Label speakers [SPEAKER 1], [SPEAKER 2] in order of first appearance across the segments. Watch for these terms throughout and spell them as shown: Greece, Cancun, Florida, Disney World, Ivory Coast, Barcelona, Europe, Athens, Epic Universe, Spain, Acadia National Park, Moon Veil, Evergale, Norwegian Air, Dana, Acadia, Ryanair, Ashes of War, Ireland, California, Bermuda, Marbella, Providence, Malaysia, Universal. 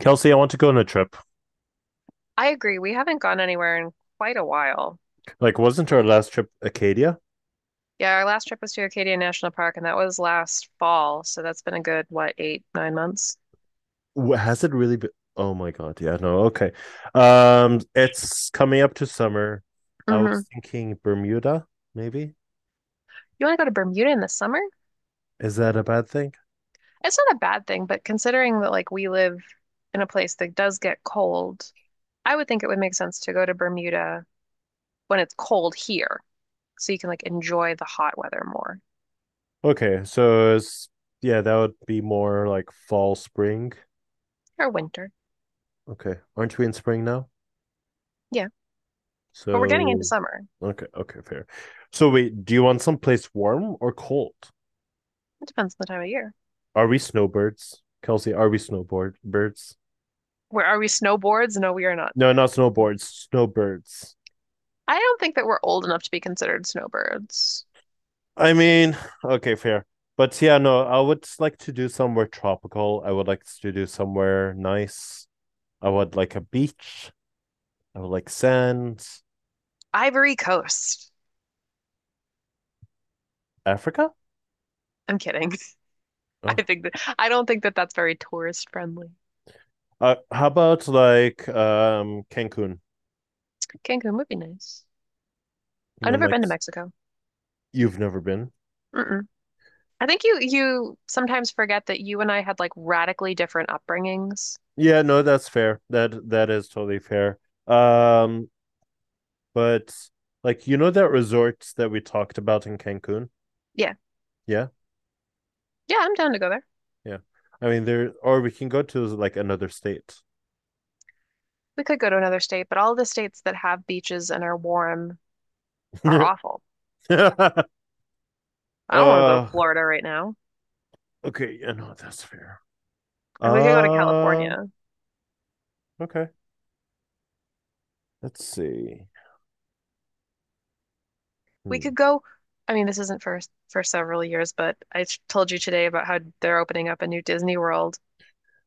[SPEAKER 1] Kelsey, I want to go on a trip.
[SPEAKER 2] I agree. We haven't gone anywhere in quite a while.
[SPEAKER 1] Wasn't our last trip Acadia?
[SPEAKER 2] Yeah, our last trip was to Acadia National Park, and that was last fall. So that's been a good, what, eight, nine months?
[SPEAKER 1] Has it really been? Oh my God. Yeah, no. Okay. It's coming up to summer. I was
[SPEAKER 2] Hmm.
[SPEAKER 1] thinking Bermuda, maybe.
[SPEAKER 2] You want to go to Bermuda in the summer?
[SPEAKER 1] Is that a bad thing?
[SPEAKER 2] It's not a bad thing, but considering that like we live in a place that does get cold, I would think it would make sense to go to Bermuda when it's cold here, so you can like enjoy the hot weather more
[SPEAKER 1] Okay. So, that would be more like fall, spring.
[SPEAKER 2] or winter.
[SPEAKER 1] Okay. Aren't we in spring now?
[SPEAKER 2] Yeah, but we're getting into
[SPEAKER 1] So,
[SPEAKER 2] summer.
[SPEAKER 1] okay. Okay. Fair. So, wait, do you want someplace warm or cold?
[SPEAKER 2] It depends on the time of year.
[SPEAKER 1] Are we snowbirds? Kelsey, are we snowboard birds?
[SPEAKER 2] Where are we snowboards? No, we are not.
[SPEAKER 1] No, not snowboards, snowbirds.
[SPEAKER 2] I don't think that we're old enough to be considered snowbirds.
[SPEAKER 1] I mean, okay, fair. But yeah, no, I would like to do somewhere tropical. I would like to do somewhere nice. I would like a beach. I would like sand.
[SPEAKER 2] Ivory Coast.
[SPEAKER 1] Africa?
[SPEAKER 2] I'm kidding. I
[SPEAKER 1] Oh.
[SPEAKER 2] think that I don't think that that's very tourist friendly.
[SPEAKER 1] How about like Cancun?
[SPEAKER 2] Cancun would be nice.
[SPEAKER 1] And
[SPEAKER 2] I've
[SPEAKER 1] then
[SPEAKER 2] never
[SPEAKER 1] like
[SPEAKER 2] been to Mexico.
[SPEAKER 1] you've never been.
[SPEAKER 2] Mm-mm. I think you sometimes forget that you and I had like radically different upbringings.
[SPEAKER 1] Yeah, no, that's fair. That is totally fair. Um, but like you know that resort that we talked about in Cancun?
[SPEAKER 2] Yeah.
[SPEAKER 1] Yeah.
[SPEAKER 2] Yeah, I'm down to go there.
[SPEAKER 1] Yeah. I mean, there, or we can go to like another state.
[SPEAKER 2] We could go to another state, but all the states that have beaches and are warm are
[SPEAKER 1] uh,
[SPEAKER 2] awful.
[SPEAKER 1] okay.
[SPEAKER 2] I don't want to go to
[SPEAKER 1] Yeah,
[SPEAKER 2] Florida right now.
[SPEAKER 1] no, that's fair. Um,
[SPEAKER 2] And we could go to
[SPEAKER 1] uh,
[SPEAKER 2] California.
[SPEAKER 1] okay. Let's see.
[SPEAKER 2] We
[SPEAKER 1] Hmm.
[SPEAKER 2] could go. I mean, this isn't for several years, but I told you today about how they're opening up a new Disney World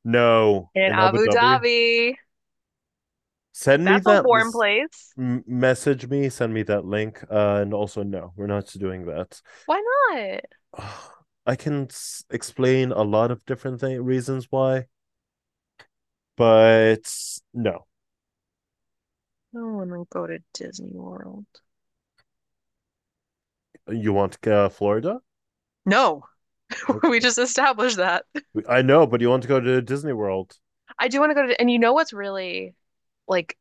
[SPEAKER 1] No,
[SPEAKER 2] in
[SPEAKER 1] in Abu
[SPEAKER 2] Abu
[SPEAKER 1] Dhabi.
[SPEAKER 2] Dhabi.
[SPEAKER 1] Send me
[SPEAKER 2] That's a
[SPEAKER 1] that.
[SPEAKER 2] warm place.
[SPEAKER 1] Message me. Send me that link. And also, no, we're not doing that.
[SPEAKER 2] Why not?
[SPEAKER 1] Oh, I can explain a lot of different reasons why, but no.
[SPEAKER 2] No one to go to Disney World.
[SPEAKER 1] You want Florida?
[SPEAKER 2] No, we
[SPEAKER 1] Okay.
[SPEAKER 2] just established that.
[SPEAKER 1] I know, but you want to go to Disney World?
[SPEAKER 2] I do want to go to, and you know what's really like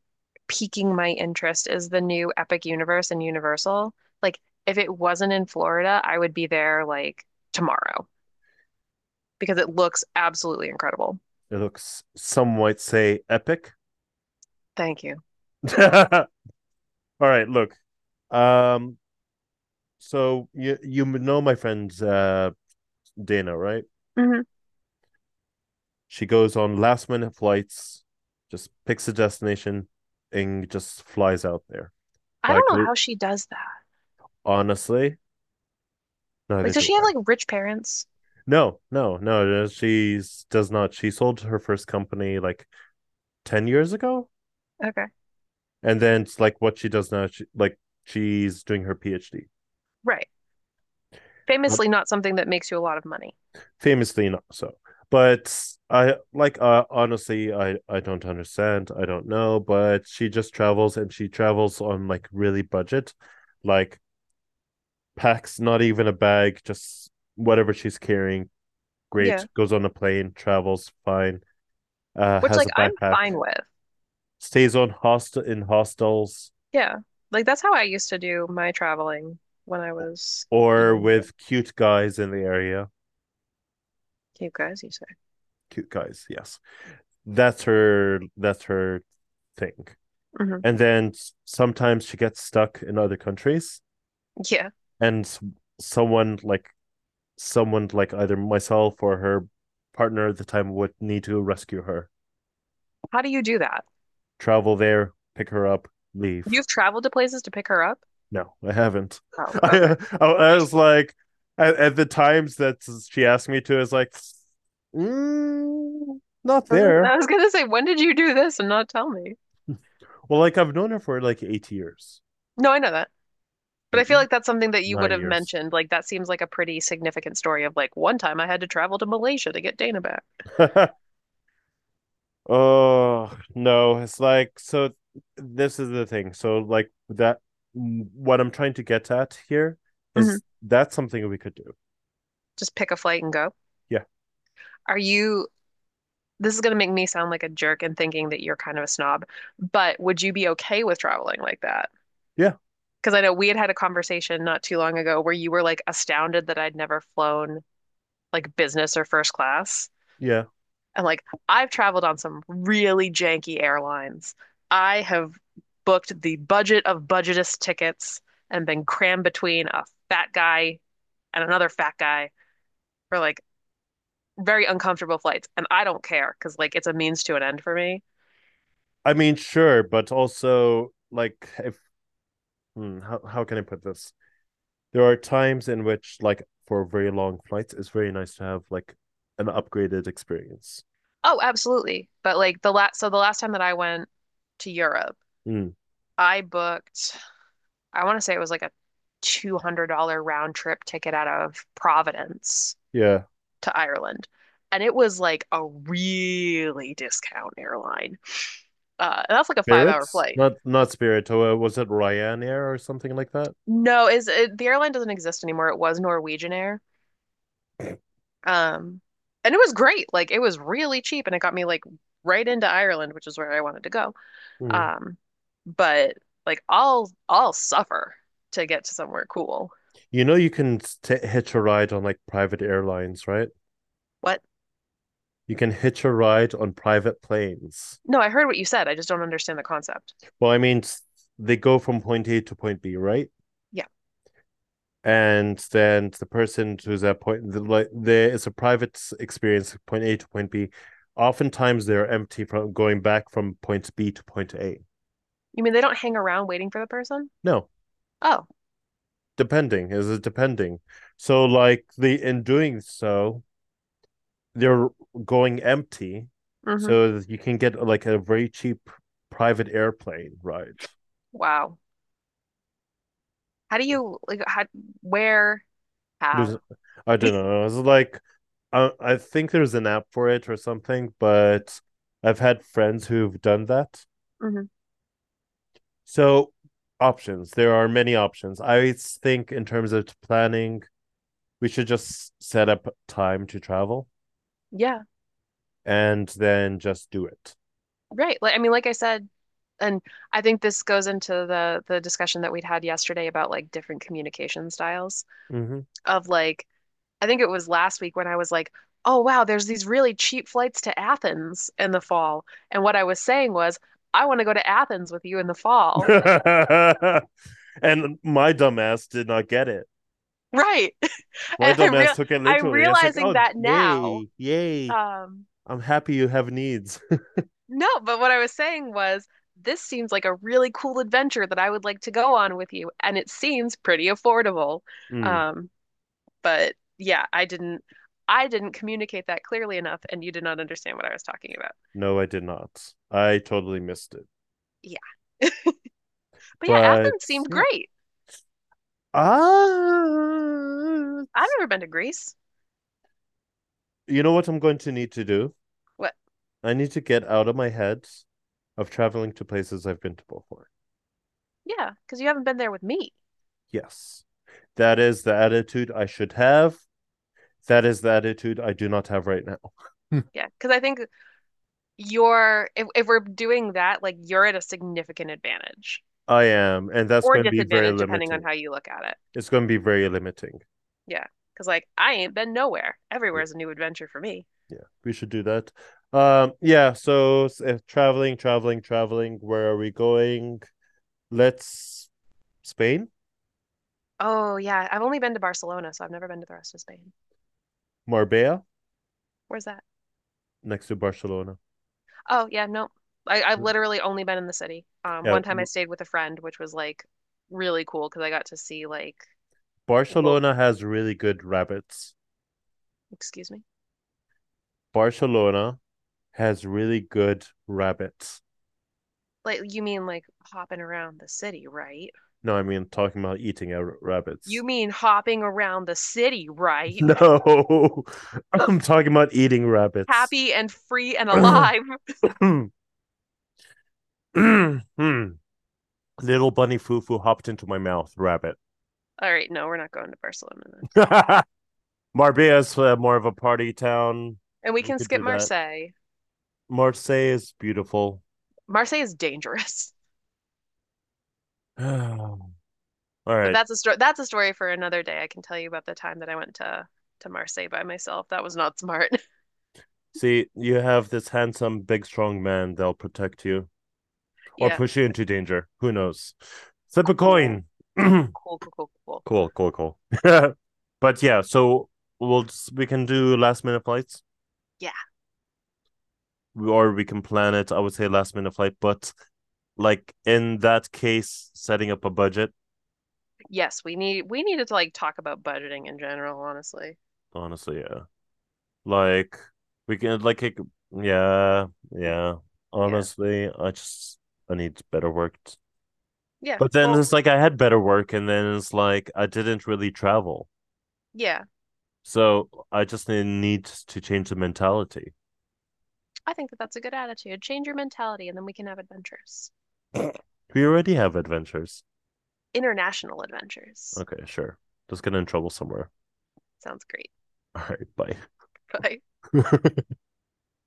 [SPEAKER 2] piquing my interest is the new Epic Universe in Universal. Like, if it wasn't in Florida, I would be there like tomorrow because it looks absolutely incredible.
[SPEAKER 1] It looks, some might say, epic.
[SPEAKER 2] Thank you.
[SPEAKER 1] All right, look. Um, so you know my friend Dana, right?
[SPEAKER 2] Mhm.
[SPEAKER 1] She goes on last minute flights, just picks a destination, and just flies out there.
[SPEAKER 2] I
[SPEAKER 1] Like
[SPEAKER 2] don't know how she does that.
[SPEAKER 1] honestly, neither
[SPEAKER 2] Like, does
[SPEAKER 1] do
[SPEAKER 2] she
[SPEAKER 1] I.
[SPEAKER 2] have like rich parents?
[SPEAKER 1] No. She does not. She sold her first company like 10 years ago,
[SPEAKER 2] Okay.
[SPEAKER 1] and then it's like what she does now. She she's doing her PhD.
[SPEAKER 2] Right.
[SPEAKER 1] But
[SPEAKER 2] Famously not something that makes you a lot of money.
[SPEAKER 1] famously not so, but I like honestly I don't understand, I don't know, but she just travels and she travels on like really budget, like packs not even a bag, just whatever she's carrying, great,
[SPEAKER 2] Yeah.
[SPEAKER 1] goes on a plane, travels fine,
[SPEAKER 2] Which
[SPEAKER 1] has
[SPEAKER 2] like
[SPEAKER 1] a
[SPEAKER 2] I'm
[SPEAKER 1] backpack,
[SPEAKER 2] fine with.
[SPEAKER 1] stays on hostel in hostels,
[SPEAKER 2] Yeah. Like that's how I used to do my traveling when I was
[SPEAKER 1] or
[SPEAKER 2] younger.
[SPEAKER 1] with cute guys in the area.
[SPEAKER 2] Cape guys, you say.
[SPEAKER 1] Cute guys, yes, that's her thing.
[SPEAKER 2] Hmm.
[SPEAKER 1] And then sometimes she gets stuck in other countries
[SPEAKER 2] Yeah.
[SPEAKER 1] and someone like, someone like either myself or her partner at the time would need to rescue her,
[SPEAKER 2] How do you do that?
[SPEAKER 1] travel there, pick her up, leave.
[SPEAKER 2] You've traveled to places to pick her up?
[SPEAKER 1] No, I haven't.
[SPEAKER 2] Oh, okay.
[SPEAKER 1] I was like at the times that she asked me to I was like, not
[SPEAKER 2] I was
[SPEAKER 1] there.
[SPEAKER 2] I was gonna say, when did you do this and not tell me?
[SPEAKER 1] Well, like I've known her for like 8 years,
[SPEAKER 2] No, I know that. But I feel
[SPEAKER 1] eight
[SPEAKER 2] like that's something that you would
[SPEAKER 1] nine
[SPEAKER 2] have
[SPEAKER 1] years
[SPEAKER 2] mentioned. Like that seems like a pretty significant story of like one time I had to travel to Malaysia to get Dana back.
[SPEAKER 1] Oh no, it's like so. This is the thing. So like that. What I'm trying to get at here is
[SPEAKER 2] Mhm.
[SPEAKER 1] that's something we could do.
[SPEAKER 2] Just pick a flight and go.
[SPEAKER 1] Yeah,
[SPEAKER 2] Are you, this is going to make me sound like a jerk and thinking that you're kind of a snob, but would you be okay with traveling like that?
[SPEAKER 1] yeah,
[SPEAKER 2] Because I know we had had a conversation not too long ago where you were like astounded that I'd never flown like business or first class.
[SPEAKER 1] yeah.
[SPEAKER 2] And like, I've traveled on some really janky airlines. I have booked the budget of budgetist tickets and been crammed between a fat guy and another fat guy for like very uncomfortable flights, and I don't care because like it's a means to an end for me.
[SPEAKER 1] I mean, sure, but also like if, how can I put this? There are times in which like for very long flights, it's very nice to have like an upgraded experience.
[SPEAKER 2] Oh, absolutely. But like the last, so the last time that I went to Europe,
[SPEAKER 1] Mm,
[SPEAKER 2] I booked, I want to say it was like a $200 round trip ticket out of Providence
[SPEAKER 1] yeah,
[SPEAKER 2] to Ireland. And it was like a really discount airline. And that's like a five-hour
[SPEAKER 1] Spirits,
[SPEAKER 2] flight.
[SPEAKER 1] not Spirit. Oh, was it Ryanair or something like that?
[SPEAKER 2] No, is it, the airline doesn't exist anymore. It was Norwegian Air. Um, and it was great. Like it was really cheap and it got me like right into Ireland, which is where I wanted to go.
[SPEAKER 1] Mm.
[SPEAKER 2] Um, but like I'll suffer to get to somewhere cool.
[SPEAKER 1] You know, you can hitch a ride on like private airlines, right?
[SPEAKER 2] What?
[SPEAKER 1] You can hitch a ride on private planes.
[SPEAKER 2] No, I heard what you said. I just don't understand the concept.
[SPEAKER 1] Well, I mean, they go from point A to point B, right?
[SPEAKER 2] Yeah.
[SPEAKER 1] And then the person who's at point, the, like, there is a private experience, point A to point B. Oftentimes they're empty from going back from point B to point A.
[SPEAKER 2] You mean they don't hang around waiting for the person?
[SPEAKER 1] No,
[SPEAKER 2] Oh.
[SPEAKER 1] depending. Is it depending? So, like, the in doing so, they're going empty,
[SPEAKER 2] Mm-hmm.
[SPEAKER 1] so you can get like a very cheap private airplane ride.
[SPEAKER 2] Wow. How do you like how where
[SPEAKER 1] There's,
[SPEAKER 2] how?
[SPEAKER 1] I don't know. It's like, I think there's an app for it or something, but I've had friends who've done that.
[SPEAKER 2] Mm-hmm.
[SPEAKER 1] So options. There are many options. I think in terms of planning, we should just set up time to travel
[SPEAKER 2] Yeah.
[SPEAKER 1] and then just do it.
[SPEAKER 2] Right. Like I mean, like I said, and I think this goes into the discussion that we'd had yesterday about like different communication styles.
[SPEAKER 1] Mm-hmm.
[SPEAKER 2] Of like, I think it was last week when I was like, oh, wow, there's these really cheap flights to Athens in the fall. And what I was saying was, I want to go to Athens with you in the fall.
[SPEAKER 1] And my dumbass did not get it.
[SPEAKER 2] Right.
[SPEAKER 1] My
[SPEAKER 2] And I'm
[SPEAKER 1] dumbass
[SPEAKER 2] real
[SPEAKER 1] took it
[SPEAKER 2] I'm
[SPEAKER 1] literally. It's like,
[SPEAKER 2] realizing
[SPEAKER 1] oh,
[SPEAKER 2] that now.
[SPEAKER 1] yay, yay.
[SPEAKER 2] Um,
[SPEAKER 1] I'm happy you have needs.
[SPEAKER 2] no, but what I was saying was this seems like a really cool adventure that I would like to go on with you, and it seems pretty affordable.
[SPEAKER 1] Mm,
[SPEAKER 2] Um, but yeah, I didn't communicate that clearly enough, and you did not understand what I was talking about.
[SPEAKER 1] no, I did not. I totally missed it.
[SPEAKER 2] Yeah. But yeah,
[SPEAKER 1] But
[SPEAKER 2] Athens seemed
[SPEAKER 1] yeah.
[SPEAKER 2] great.
[SPEAKER 1] Ah,
[SPEAKER 2] I've never been to Greece.
[SPEAKER 1] you know what I'm going to need to do?
[SPEAKER 2] What?
[SPEAKER 1] I need to get out of my head of traveling to places I've been to before.
[SPEAKER 2] Yeah, because you haven't been there with me.
[SPEAKER 1] Yes. That is the attitude I should have. That is the attitude I do not have right now.
[SPEAKER 2] Yeah, because I think you're, if we're doing that, like you're at a significant advantage
[SPEAKER 1] I am. And that's
[SPEAKER 2] or
[SPEAKER 1] going to be very
[SPEAKER 2] disadvantage, depending on
[SPEAKER 1] limiting.
[SPEAKER 2] how you look at it.
[SPEAKER 1] It's going to be very limiting.
[SPEAKER 2] Yeah, because like I ain't been nowhere. Everywhere
[SPEAKER 1] Yeah.
[SPEAKER 2] is a new adventure for me.
[SPEAKER 1] Yeah, we should do that. Yeah, so traveling, where are we going? Let's Spain,
[SPEAKER 2] Oh, yeah, I've only been to Barcelona, so I've never been to the rest of Spain.
[SPEAKER 1] Marbella,
[SPEAKER 2] Where's that?
[SPEAKER 1] next to Barcelona.
[SPEAKER 2] Oh, yeah, no. I've
[SPEAKER 1] Yeah,
[SPEAKER 2] literally only been in the city. One time I stayed with a friend, which was like really cool because I got to see like, lo-
[SPEAKER 1] Barcelona has really good rabbits.
[SPEAKER 2] excuse me.
[SPEAKER 1] Barcelona has really good rabbits.
[SPEAKER 2] Like you mean like hopping around the city, right?
[SPEAKER 1] No, I mean talking about eating rabbits.
[SPEAKER 2] You mean hopping around the city, right?
[SPEAKER 1] No, I'm talking about eating rabbits.
[SPEAKER 2] Happy and free and
[SPEAKER 1] Little
[SPEAKER 2] alive.
[SPEAKER 1] bunny foo foo hopped into my mouth, rabbit.
[SPEAKER 2] All right, no, we're not going to Barcelona then.
[SPEAKER 1] Marbia's more of a party town.
[SPEAKER 2] And we
[SPEAKER 1] We
[SPEAKER 2] can
[SPEAKER 1] could
[SPEAKER 2] skip
[SPEAKER 1] do that.
[SPEAKER 2] Marseille.
[SPEAKER 1] Marseille is beautiful.
[SPEAKER 2] Marseille is dangerous.
[SPEAKER 1] All
[SPEAKER 2] But
[SPEAKER 1] right.
[SPEAKER 2] that's a story for another day. I can tell you about the time that I went to Marseille by myself. That was not smart.
[SPEAKER 1] See, you have this handsome, big, strong man that'll protect you or
[SPEAKER 2] Yeah.
[SPEAKER 1] push you into danger. Who knows? Flip a
[SPEAKER 2] Cool.
[SPEAKER 1] coin. cool,
[SPEAKER 2] Cool, cool, cool, cool.
[SPEAKER 1] cool. But yeah, so we'll just, we can do last minute flights
[SPEAKER 2] Yeah.
[SPEAKER 1] or we can plan it. I would say last minute flight, but like in that case, setting up a budget.
[SPEAKER 2] Yes, we needed to like talk about budgeting in general, honestly.
[SPEAKER 1] Honestly, yeah. Like we can like it, yeah, yeah.
[SPEAKER 2] Yeah.
[SPEAKER 1] Honestly, I just I need better work.
[SPEAKER 2] Yeah.
[SPEAKER 1] But then
[SPEAKER 2] Well,
[SPEAKER 1] it's like I had better work and then it's like I didn't really travel.
[SPEAKER 2] yeah.
[SPEAKER 1] So I just need to change the mentality.
[SPEAKER 2] I think that that's a good attitude. Change your mentality and then we can have adventures.
[SPEAKER 1] We already have adventures.
[SPEAKER 2] International adventures.
[SPEAKER 1] Okay, sure. Just get in trouble somewhere.
[SPEAKER 2] Sounds great.
[SPEAKER 1] All right,
[SPEAKER 2] Bye.
[SPEAKER 1] bye.